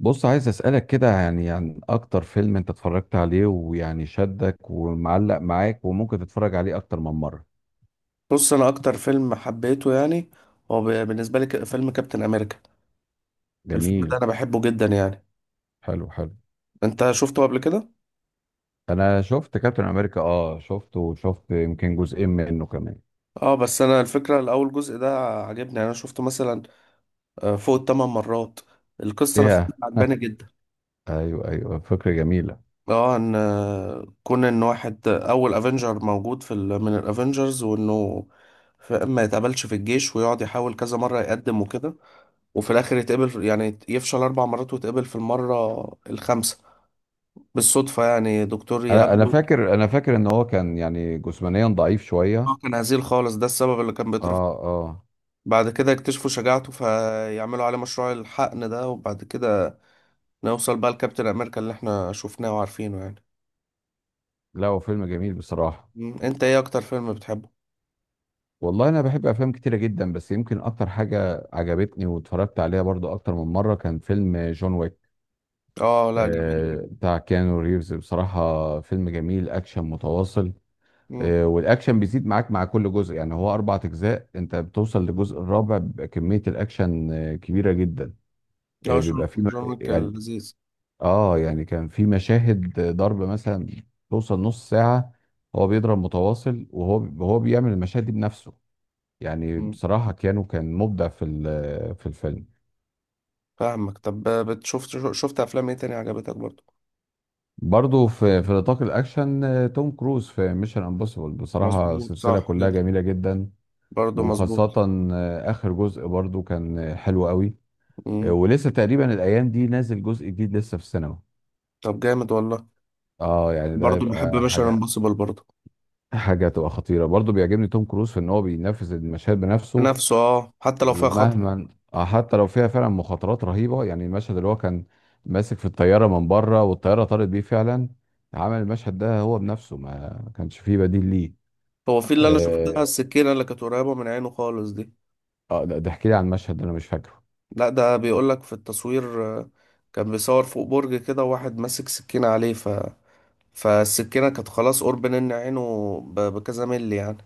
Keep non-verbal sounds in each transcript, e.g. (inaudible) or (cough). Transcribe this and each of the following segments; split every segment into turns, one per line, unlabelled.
بص، عايز أسألك كده يعني عن أكتر فيلم أنت اتفرجت عليه ويعني شدك ومعلق معاك وممكن تتفرج عليه أكتر من مرة؟
بص، انا اكتر فيلم حبيته يعني هو بالنسبه لي فيلم كابتن امريكا. الفيلم ده
جميل.
انا بحبه جدا يعني.
حلو، حلو.
انت شفته قبل كده؟
أنا شفت كابتن أمريكا، أه شفته وشفت يمكن جزئين منه كمان.
اه بس انا الفكره، الاول جزء ده عجبني يعني. انا شفته مثلا فوق الـ8 مرات. القصه نفسها
إيه؟
عجباني
(laughs)
جدا.
أيوه، أيوه، فكرة جميلة.
اه ان كون ان واحد اول افنجر موجود من الافنجرز، وانه ما يتقبلش في الجيش ويقعد يحاول كذا مره يقدم وكده. وفي الاخر يعني يفشل 4 مرات ويتقبل في المره الخامسه، بالصدفة يعني دكتور
أنا أنا
يقابله.
فاكر أنا فاكر إن هو كان يعني جسمانيا ضعيف شوية.
هو كان هزيل خالص، ده السبب اللي كان
أه.
بيترفض.
أه.
بعد كده اكتشفوا شجاعته فيعملوا عليه مشروع الحقن ده، وبعد كده نوصل بقى لكابتن أمريكا اللي احنا شفناه وعارفينه يعني.
لا، هو فيلم جميل بصراحة.
مم. انت ايه أكتر فيلم بتحبه؟
والله، أنا بحب أفلام كتيرة جدا، بس يمكن أكتر حاجة عجبتني واتفرجت عليها برضو أكتر من مرة كان فيلم جون ويك.
اه، لا جميل.
بتاع كيانو ريفز، بصراحة فيلم جميل أكشن متواصل.
مم.
والأكشن بيزيد معاك مع كل جزء، يعني هو أربع أجزاء، أنت بتوصل للجزء الرابع بيبقى كمية الأكشن كبيرة جدا.
لا،
آه،
جون
بيبقى في م-
جون ويك
يعني
لذيذ.
يعني كان في مشاهد ضرب مثلا توصل نص ساعة. هو بيضرب متواصل، وهو بيعمل المشاهد دي بنفسه. يعني
مم.
بصراحة كيانو كان مبدع في الفيلم.
فاهمك. طب شفت أفلام ايه تاني عجبتك برضه؟
برضه في نطاق الاكشن، توم كروز في ميشن امبوسيبل، بصراحه
مظبوط،
سلسله
صح
كلها
جدا.
جميله جدا.
برضه مظبوط.
وخاصه اخر جزء برضه كان حلو قوي.
مم.
ولسه تقريبا الايام دي نازل جزء جديد لسه في السينما.
طب جامد والله.
اه يعني ده
برضه بحب
يبقى
ميشن
حاجه.
امبوسيبل برضه.
حاجه تبقى خطيره، برضه بيعجبني توم كروز في ان هو بينفذ المشاهد بنفسه.
نفسه، اه، حتى لو فيها خطر.
ومهما آه، حتى لو فيها فعلا مخاطرات رهيبه، يعني المشهد اللي هو كان ماسك في الطياره من بره والطياره طارت بيه فعلا. عمل المشهد ده هو بنفسه، ما كانش فيه بديل ليه.
هو في اللي انا شفتها،
اه.
السكينه اللي كانت قريبه من عينه خالص دي.
ده احكي لي عن المشهد ده، انا مش فاكره.
لا، ده بيقول لك في التصوير، كان بيصور فوق برج كده واحد ماسك سكينه عليه فالسكينه كانت خلاص قرب ان عينه ب... بكذا ملي يعني.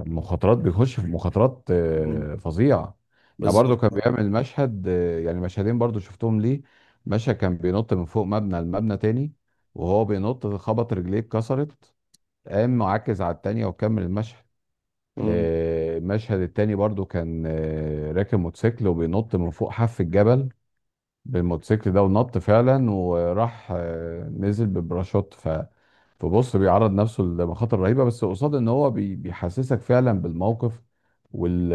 المخاطرات بيخش في مخاطرات
مم.
فظيعه. يعني
بالظبط.
برضو كان بيعمل مشهدين برضو شفتهم ليه. مشهد كان بينط من فوق مبنى لمبنى تاني، وهو بينط خبط رجليه اتكسرت، قام معكز على التانية وكمل المشهد.
مم.
المشهد التاني برضو كان راكب موتوسيكل وبينط من فوق حف الجبل بالموتوسيكل ده، ونط فعلا وراح نزل ببراشوت. فبص بيعرض نفسه لمخاطر رهيبه، بس قصاد ان هو بيحسسك فعلا بالموقف. وال...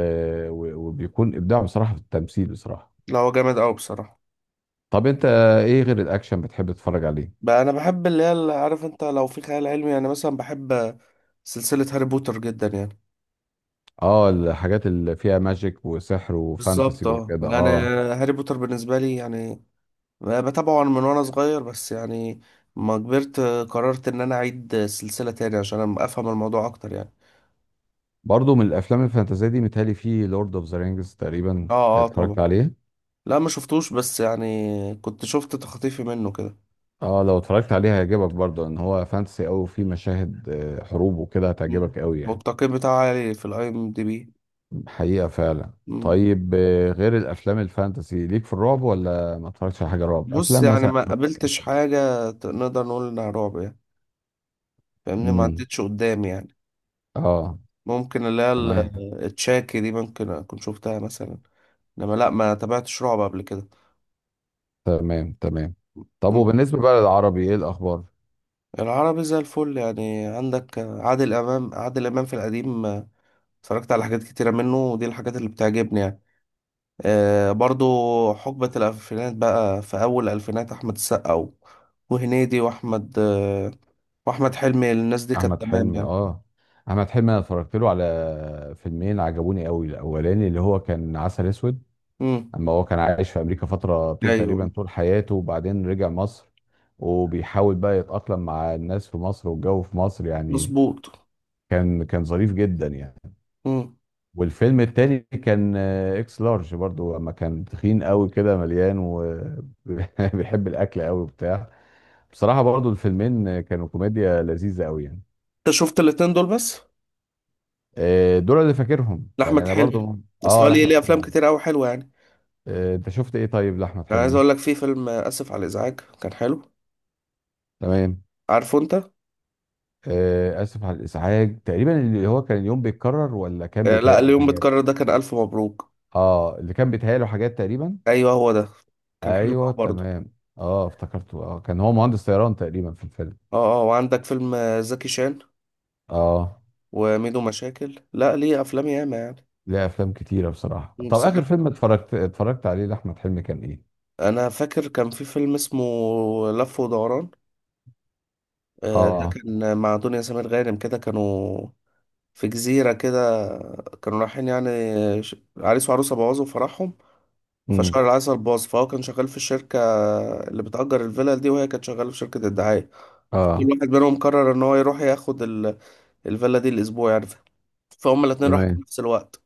وبيكون ابداع بصراحه في التمثيل بصراحه.
لا، هو جامد قوي بصراحه.
طب انت، ايه غير الاكشن بتحب تتفرج عليه؟
بقى انا بحب اللي عارف انت، لو في خيال علمي يعني مثلا بحب سلسله هاري بوتر جدا يعني.
اه، الحاجات اللي فيها ماجيك وسحر وفانتسي
بالظبط، اه
وكده،
يعني
اه.
هاري بوتر بالنسبه لي يعني بتابعه من وانا صغير، بس يعني ما كبرت قررت ان انا اعيد السلسلة تاني عشان افهم الموضوع اكتر يعني.
برضو من الافلام الفانتازيه دي متهيألي في لورد اوف ذا رينجز تقريبا
اه اه،
اتفرجت
طبعا.
عليه.
لا ما شفتوش، بس يعني كنت شفت تخطيفي منه كده.
اه لو اتفرجت عليه هيعجبك برضو، ان هو فانتسي قوي وفيه مشاهد حروب وكده،
مم.
هتعجبك قوي يعني.
والتقييم بتاعه عالي في الاي ام دي بي.
حقيقة فعلا.
مم.
طيب، غير الأفلام الفانتسي ليك في الرعب، ولا ما اتفرجتش على حاجة رعب
بص
أفلام
يعني
مثلا؟
ما قابلتش حاجة نقدر نقول انها رعب يعني. فاهمني، ما
امم.
عدتش قدامي يعني.
اه.
ممكن اللي هي
تمام.
التشاكي دي ممكن اكون شفتها مثلا، انما لا، ما تابعتش رعب قبل كده.
تمام. تمام. طب، وبالنسبة بقى للعربي، ايه الأخبار؟
العربي زي الفل يعني. عندك عادل امام، عادل امام في القديم اتفرجت على حاجات كتيره منه، ودي الحاجات اللي بتعجبني يعني. برضو حقبه الالفينات بقى، في اول الالفينات احمد السقا وهنيدي واحمد حلمي. الناس دي كانت
أحمد
تمام
حلمي،
يعني.
اه. أحمد حلمي أنا اتفرجت له على فيلمين عجبوني قوي، الأولاني اللي هو كان عسل أسود.
امم.
أما هو كان عايش في أمريكا فترة طول
ايوه،
تقريبا طول حياته، وبعدين رجع مصر. وبيحاول بقى يتأقلم مع الناس في مصر والجو في مصر يعني.
مظبوط.
كان ظريف جدا يعني.
امم.
والفيلم التاني كان اكس لارج، برضو لما كان تخين قوي كده مليان وبيحب (laughs) الاكل قوي وبتاع. بصراحة برضو الفيلمين كانوا كوميديا لذيذة قوي يعني.
انت شفت الاتنين دول بس؟
دول اللي فاكرهم يعني
لاحمد
انا
حلمي؟
برضو.
بس هو
اه،
ليه
لاحمد
ليه افلام
حلمي.
كتير قوي حلوه يعني.
انت شفت ايه طيب لاحمد
انا عايز
حلمي؟
اقول لك، في فيلم اسف على الازعاج كان حلو.
تمام.
عارفه انت؟
اسف على الازعاج، تقريبا اللي هو كان اليوم بيتكرر، ولا كان
لا،
بيتهيأله
اليوم
حاجات؟
بتكرر ده كان الف مبروك.
اه، اللي كان بيتهيأله حاجات تقريبا.
ايوه، هو ده. كان حلو
ايوه
قوي برضه.
تمام، اه افتكرته، اه كان هو مهندس طيران تقريبا في الفيلم.
اه اه، وعندك فيلم زكي شان
اه.
وميدو مشاكل. لا ليه افلام ياما يعني.
ليه افلام كتيره بصراحه. طب، اخر
بصراحه،
فيلم اتفرجت عليه لاحمد حلمي كان ايه؟
انا فاكر كان في فيلم اسمه لف ودوران. ده
اه.
كان مع دنيا سمير غانم. كده كانوا في جزيره كده، كانوا رايحين يعني عريس وعروسه بوظوا فرحهم.
امم.
فشهر العسل باظ، فهو كان شغال في الشركه اللي بتأجر الفيلا دي، وهي كانت شغاله في شركه الدعايه. فكل
اه.
واحد منهم قرر ان هو يروح ياخد الفيلا دي الأسبوع يعني، فهم الاتنين راحوا في
تمام.
نفس الوقت.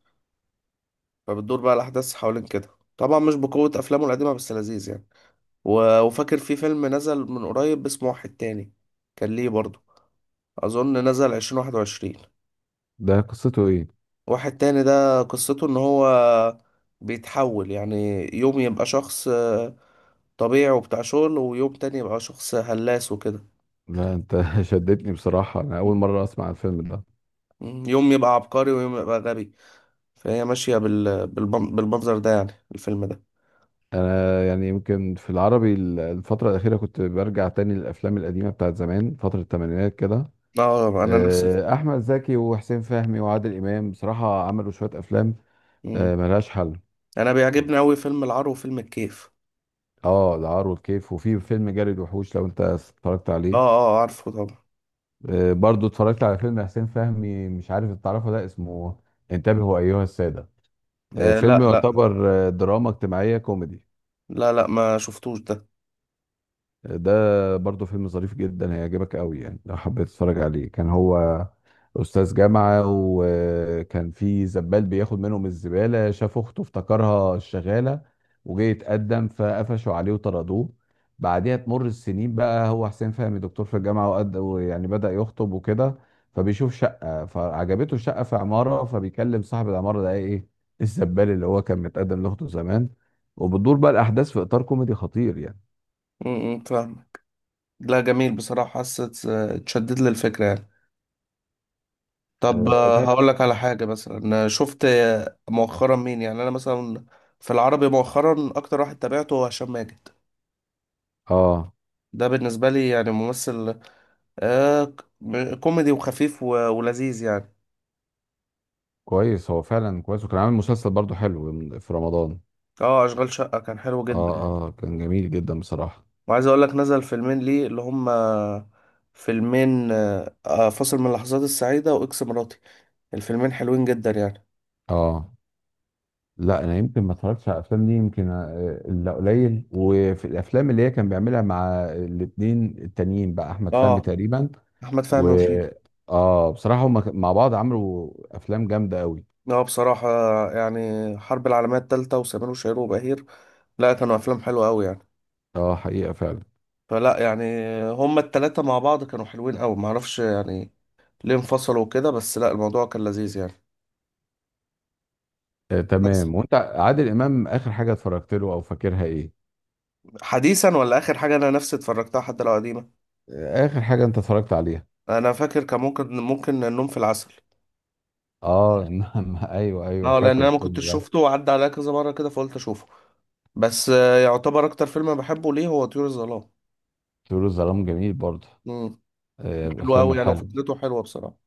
فبتدور بقى الأحداث حوالين كده. طبعا مش بقوة أفلامه القديمة، بس لذيذ يعني. وفاكر في فيلم نزل من قريب اسمه واحد تاني، كان ليه برضه. أظن نزل 2021.
ده قصته ايه؟
واحد تاني ده قصته إن هو بيتحول يعني، يوم يبقى شخص طبيعي وبتاع شغل، ويوم تاني يبقى شخص هلاس وكده.
لا، انت (laughs) شدتني بصراحه، انا اول
مم.
مره اسمع الفيلم ده.
مم. يوم يبقى عبقري ويوم يبقى غبي. فهي ماشية بالمنظر ده يعني الفيلم ده.
انا يعني يمكن في العربي الفتره الاخيره كنت برجع تاني للافلام القديمه بتاعت زمان فتره الثمانينات كده.
اه، انا نفس.
احمد زكي وحسين فهمي وعادل امام بصراحه عملوا شويه افلام
مم.
ملهاش حل.
انا بيعجبني قوي فيلم العار وفيلم الكيف.
اه، العار والكيف، وفي فيلم جري الوحوش لو انت اتفرجت
اه
عليه.
اه، عارفه طبعا.
برضو اتفرجت على فيلم حسين فهمي، مش عارف إنت تعرفه، ده اسمه انتبهوا ايها السادة.
آه، لا
فيلم
لا.
يعتبر دراما اجتماعية كوميدي.
لا لا، ما شفتوش ده.
ده برضه فيلم ظريف جدا هيعجبك قوي يعني لو حبيت تتفرج عليه. كان هو أستاذ جامعة، وكان في زبال بياخد منهم الزبالة، شاف أخته افتكرها الشغالة، وجه يتقدم فقفشوا عليه وطردوه. بعدها تمر السنين بقى هو حسين فهمي دكتور في الجامعة وقد، ويعني بدأ يخطب وكده، فبيشوف شقة فعجبته الشقة في عمارة، فبيكلم صاحب العمارة ده إيه الزبال اللي هو كان متقدم لأخته زمان. وبتدور بقى الأحداث في إطار كوميدي خطير يعني.
امم، فاهم. لا جميل بصراحة، حسيت اتشدد للفكرة يعني. طب،
تمام.
هقول لك على حاجة مثلا. شفت مؤخرا مين يعني انا مثلا؟ في العربي مؤخرا اكتر واحد تابعته هو هشام ماجد.
اه،
ده بالنسبة لي يعني ممثل كوميدي وخفيف ولذيذ يعني.
كويس، هو فعلا كويس، وكان عامل مسلسل برضو حلو في رمضان.
اه، اشغال شقة كان حلو
اه.
جدا.
اه، كان جميل جدا بصراحة.
وعايز اقول لك نزل فيلمين ليه، اللي هما فيلمين فاصل من اللحظات السعيدة واكس مراتي. الفيلمين حلوين جدا يعني.
اه، لا انا يمكن ما اتفرجتش على الافلام دي يمكن الا قليل، وفي الافلام اللي هي كان بيعملها مع الاتنين التانيين بقى احمد فهمي
اه،
تقريبا
احمد
و.
فهمي وشيكو.
اه، بصراحة هم مع بعض عملوا افلام جامدة قوي.
اه بصراحة يعني حرب العالمية التالتة وسمير وشهير وبهير، لا كانوا افلام حلوة قوي يعني.
اه، حقيقة فعلا.
فلا يعني، هما التلاتة مع بعض كانوا حلوين قوي. معرفش يعني ليه انفصلوا كده، بس لا، الموضوع كان لذيذ يعني. بس
تمام، وانت عادل امام اخر حاجة اتفرجت له او فاكرها ايه؟
حديثا ولا اخر حاجة انا نفسي اتفرجتها حتى لو قديمة،
اخر حاجة انت اتفرجت عليها؟
انا فاكر كان ممكن النوم في العسل.
اه (laughs) نعم، ايوه، ايوه،
اه، لان
فاكر
انا ما
الفيلم
كنتش
ده.
شفته وعدى عليا كذا مره كده فقلت اشوفه. بس يعتبر اكتر فيلم أنا بحبه ليه هو طيور الظلام.
طيور الظلام جميل برضه.
امم.
من
حلو
الافلام
قوي يعني،
الحلوه.
وفكرته حلوه بصراحه.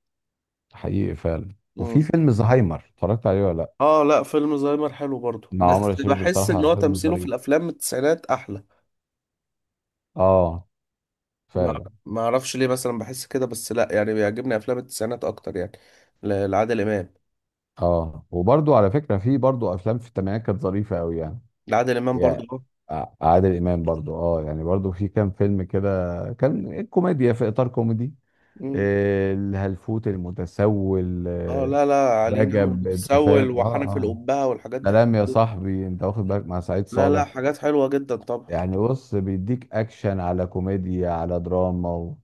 حقيقي فعلا، وفي
امم.
فيلم زهايمر اتفرجت عليه ولا لا؟
اه لا، فيلم زهايمر حلو برضه،
مع
بس
عمر الشريف
بحس ان
بصراحه
هو
فيلم
تمثيله في
ظريف.
الافلام من التسعينات احلى.
اه.
ما
فعلا.
ما اعرفش ليه مثلا بحس كده، بس لا يعني بيعجبني افلام التسعينات اكتر يعني لعادل امام.
اه، وبرضه على فكره، في برضه افلام في الثمانينات كانت ظريفه قوي يعني.
لعادل امام
يعني
برضه اه.
عادل امام برضه اه، يعني برضه في كام فيلم كده كان كوميديا في اطار كوميدي.
مم.
الهلفوت المتسول،
اه لا لا، علينا اول
رجب، انت
متسول
فاهم، اه،
وحنف
اه.
القبهه والحاجات دي
سلام
حلوه
يا
جدا.
صاحبي، انت واخد بالك مع سعيد
لا لا،
صالح.
حاجات حلوه جدا طبعا.
يعني بص بيديك اكشن على كوميديا على دراما.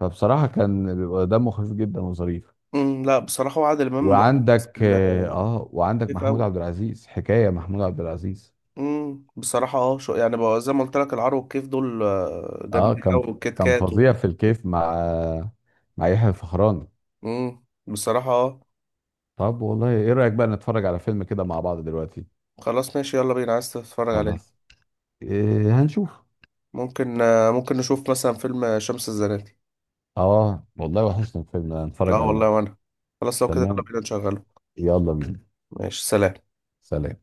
فبصراحه كان بيبقى دمه خفيف جدا وظريف.
امم، لا بصراحة وعادل إمام
وعندك
ممثل
اه آه، وعندك
خفيف
محمود
أوي.
عبد العزيز، حكايه محمود عبد العزيز.
بصراحة اه، شو يعني بقى، زي ما قلت لك العرو والكيف دول
اه،
جامدين أوي
كان
والكيت
كان
كات.
فظيع في الكيف مع يحيى الفخراني.
بصراحة اه.
طب والله ايه رايك بقى نتفرج على فيلم كده مع بعض دلوقتي؟
خلاص ماشي، يلا بينا. عايز تتفرج عليه؟
خلاص، إيه هنشوف؟
ممكن نشوف مثلا فيلم شمس الزناتي.
اه والله، وحشنا الفيلم نتفرج
اه والله،
عليه.
وأنا خلاص لو كده يلا
تمام،
بينا نشغله.
يلا بينا.
ماشي، سلام.
سلام.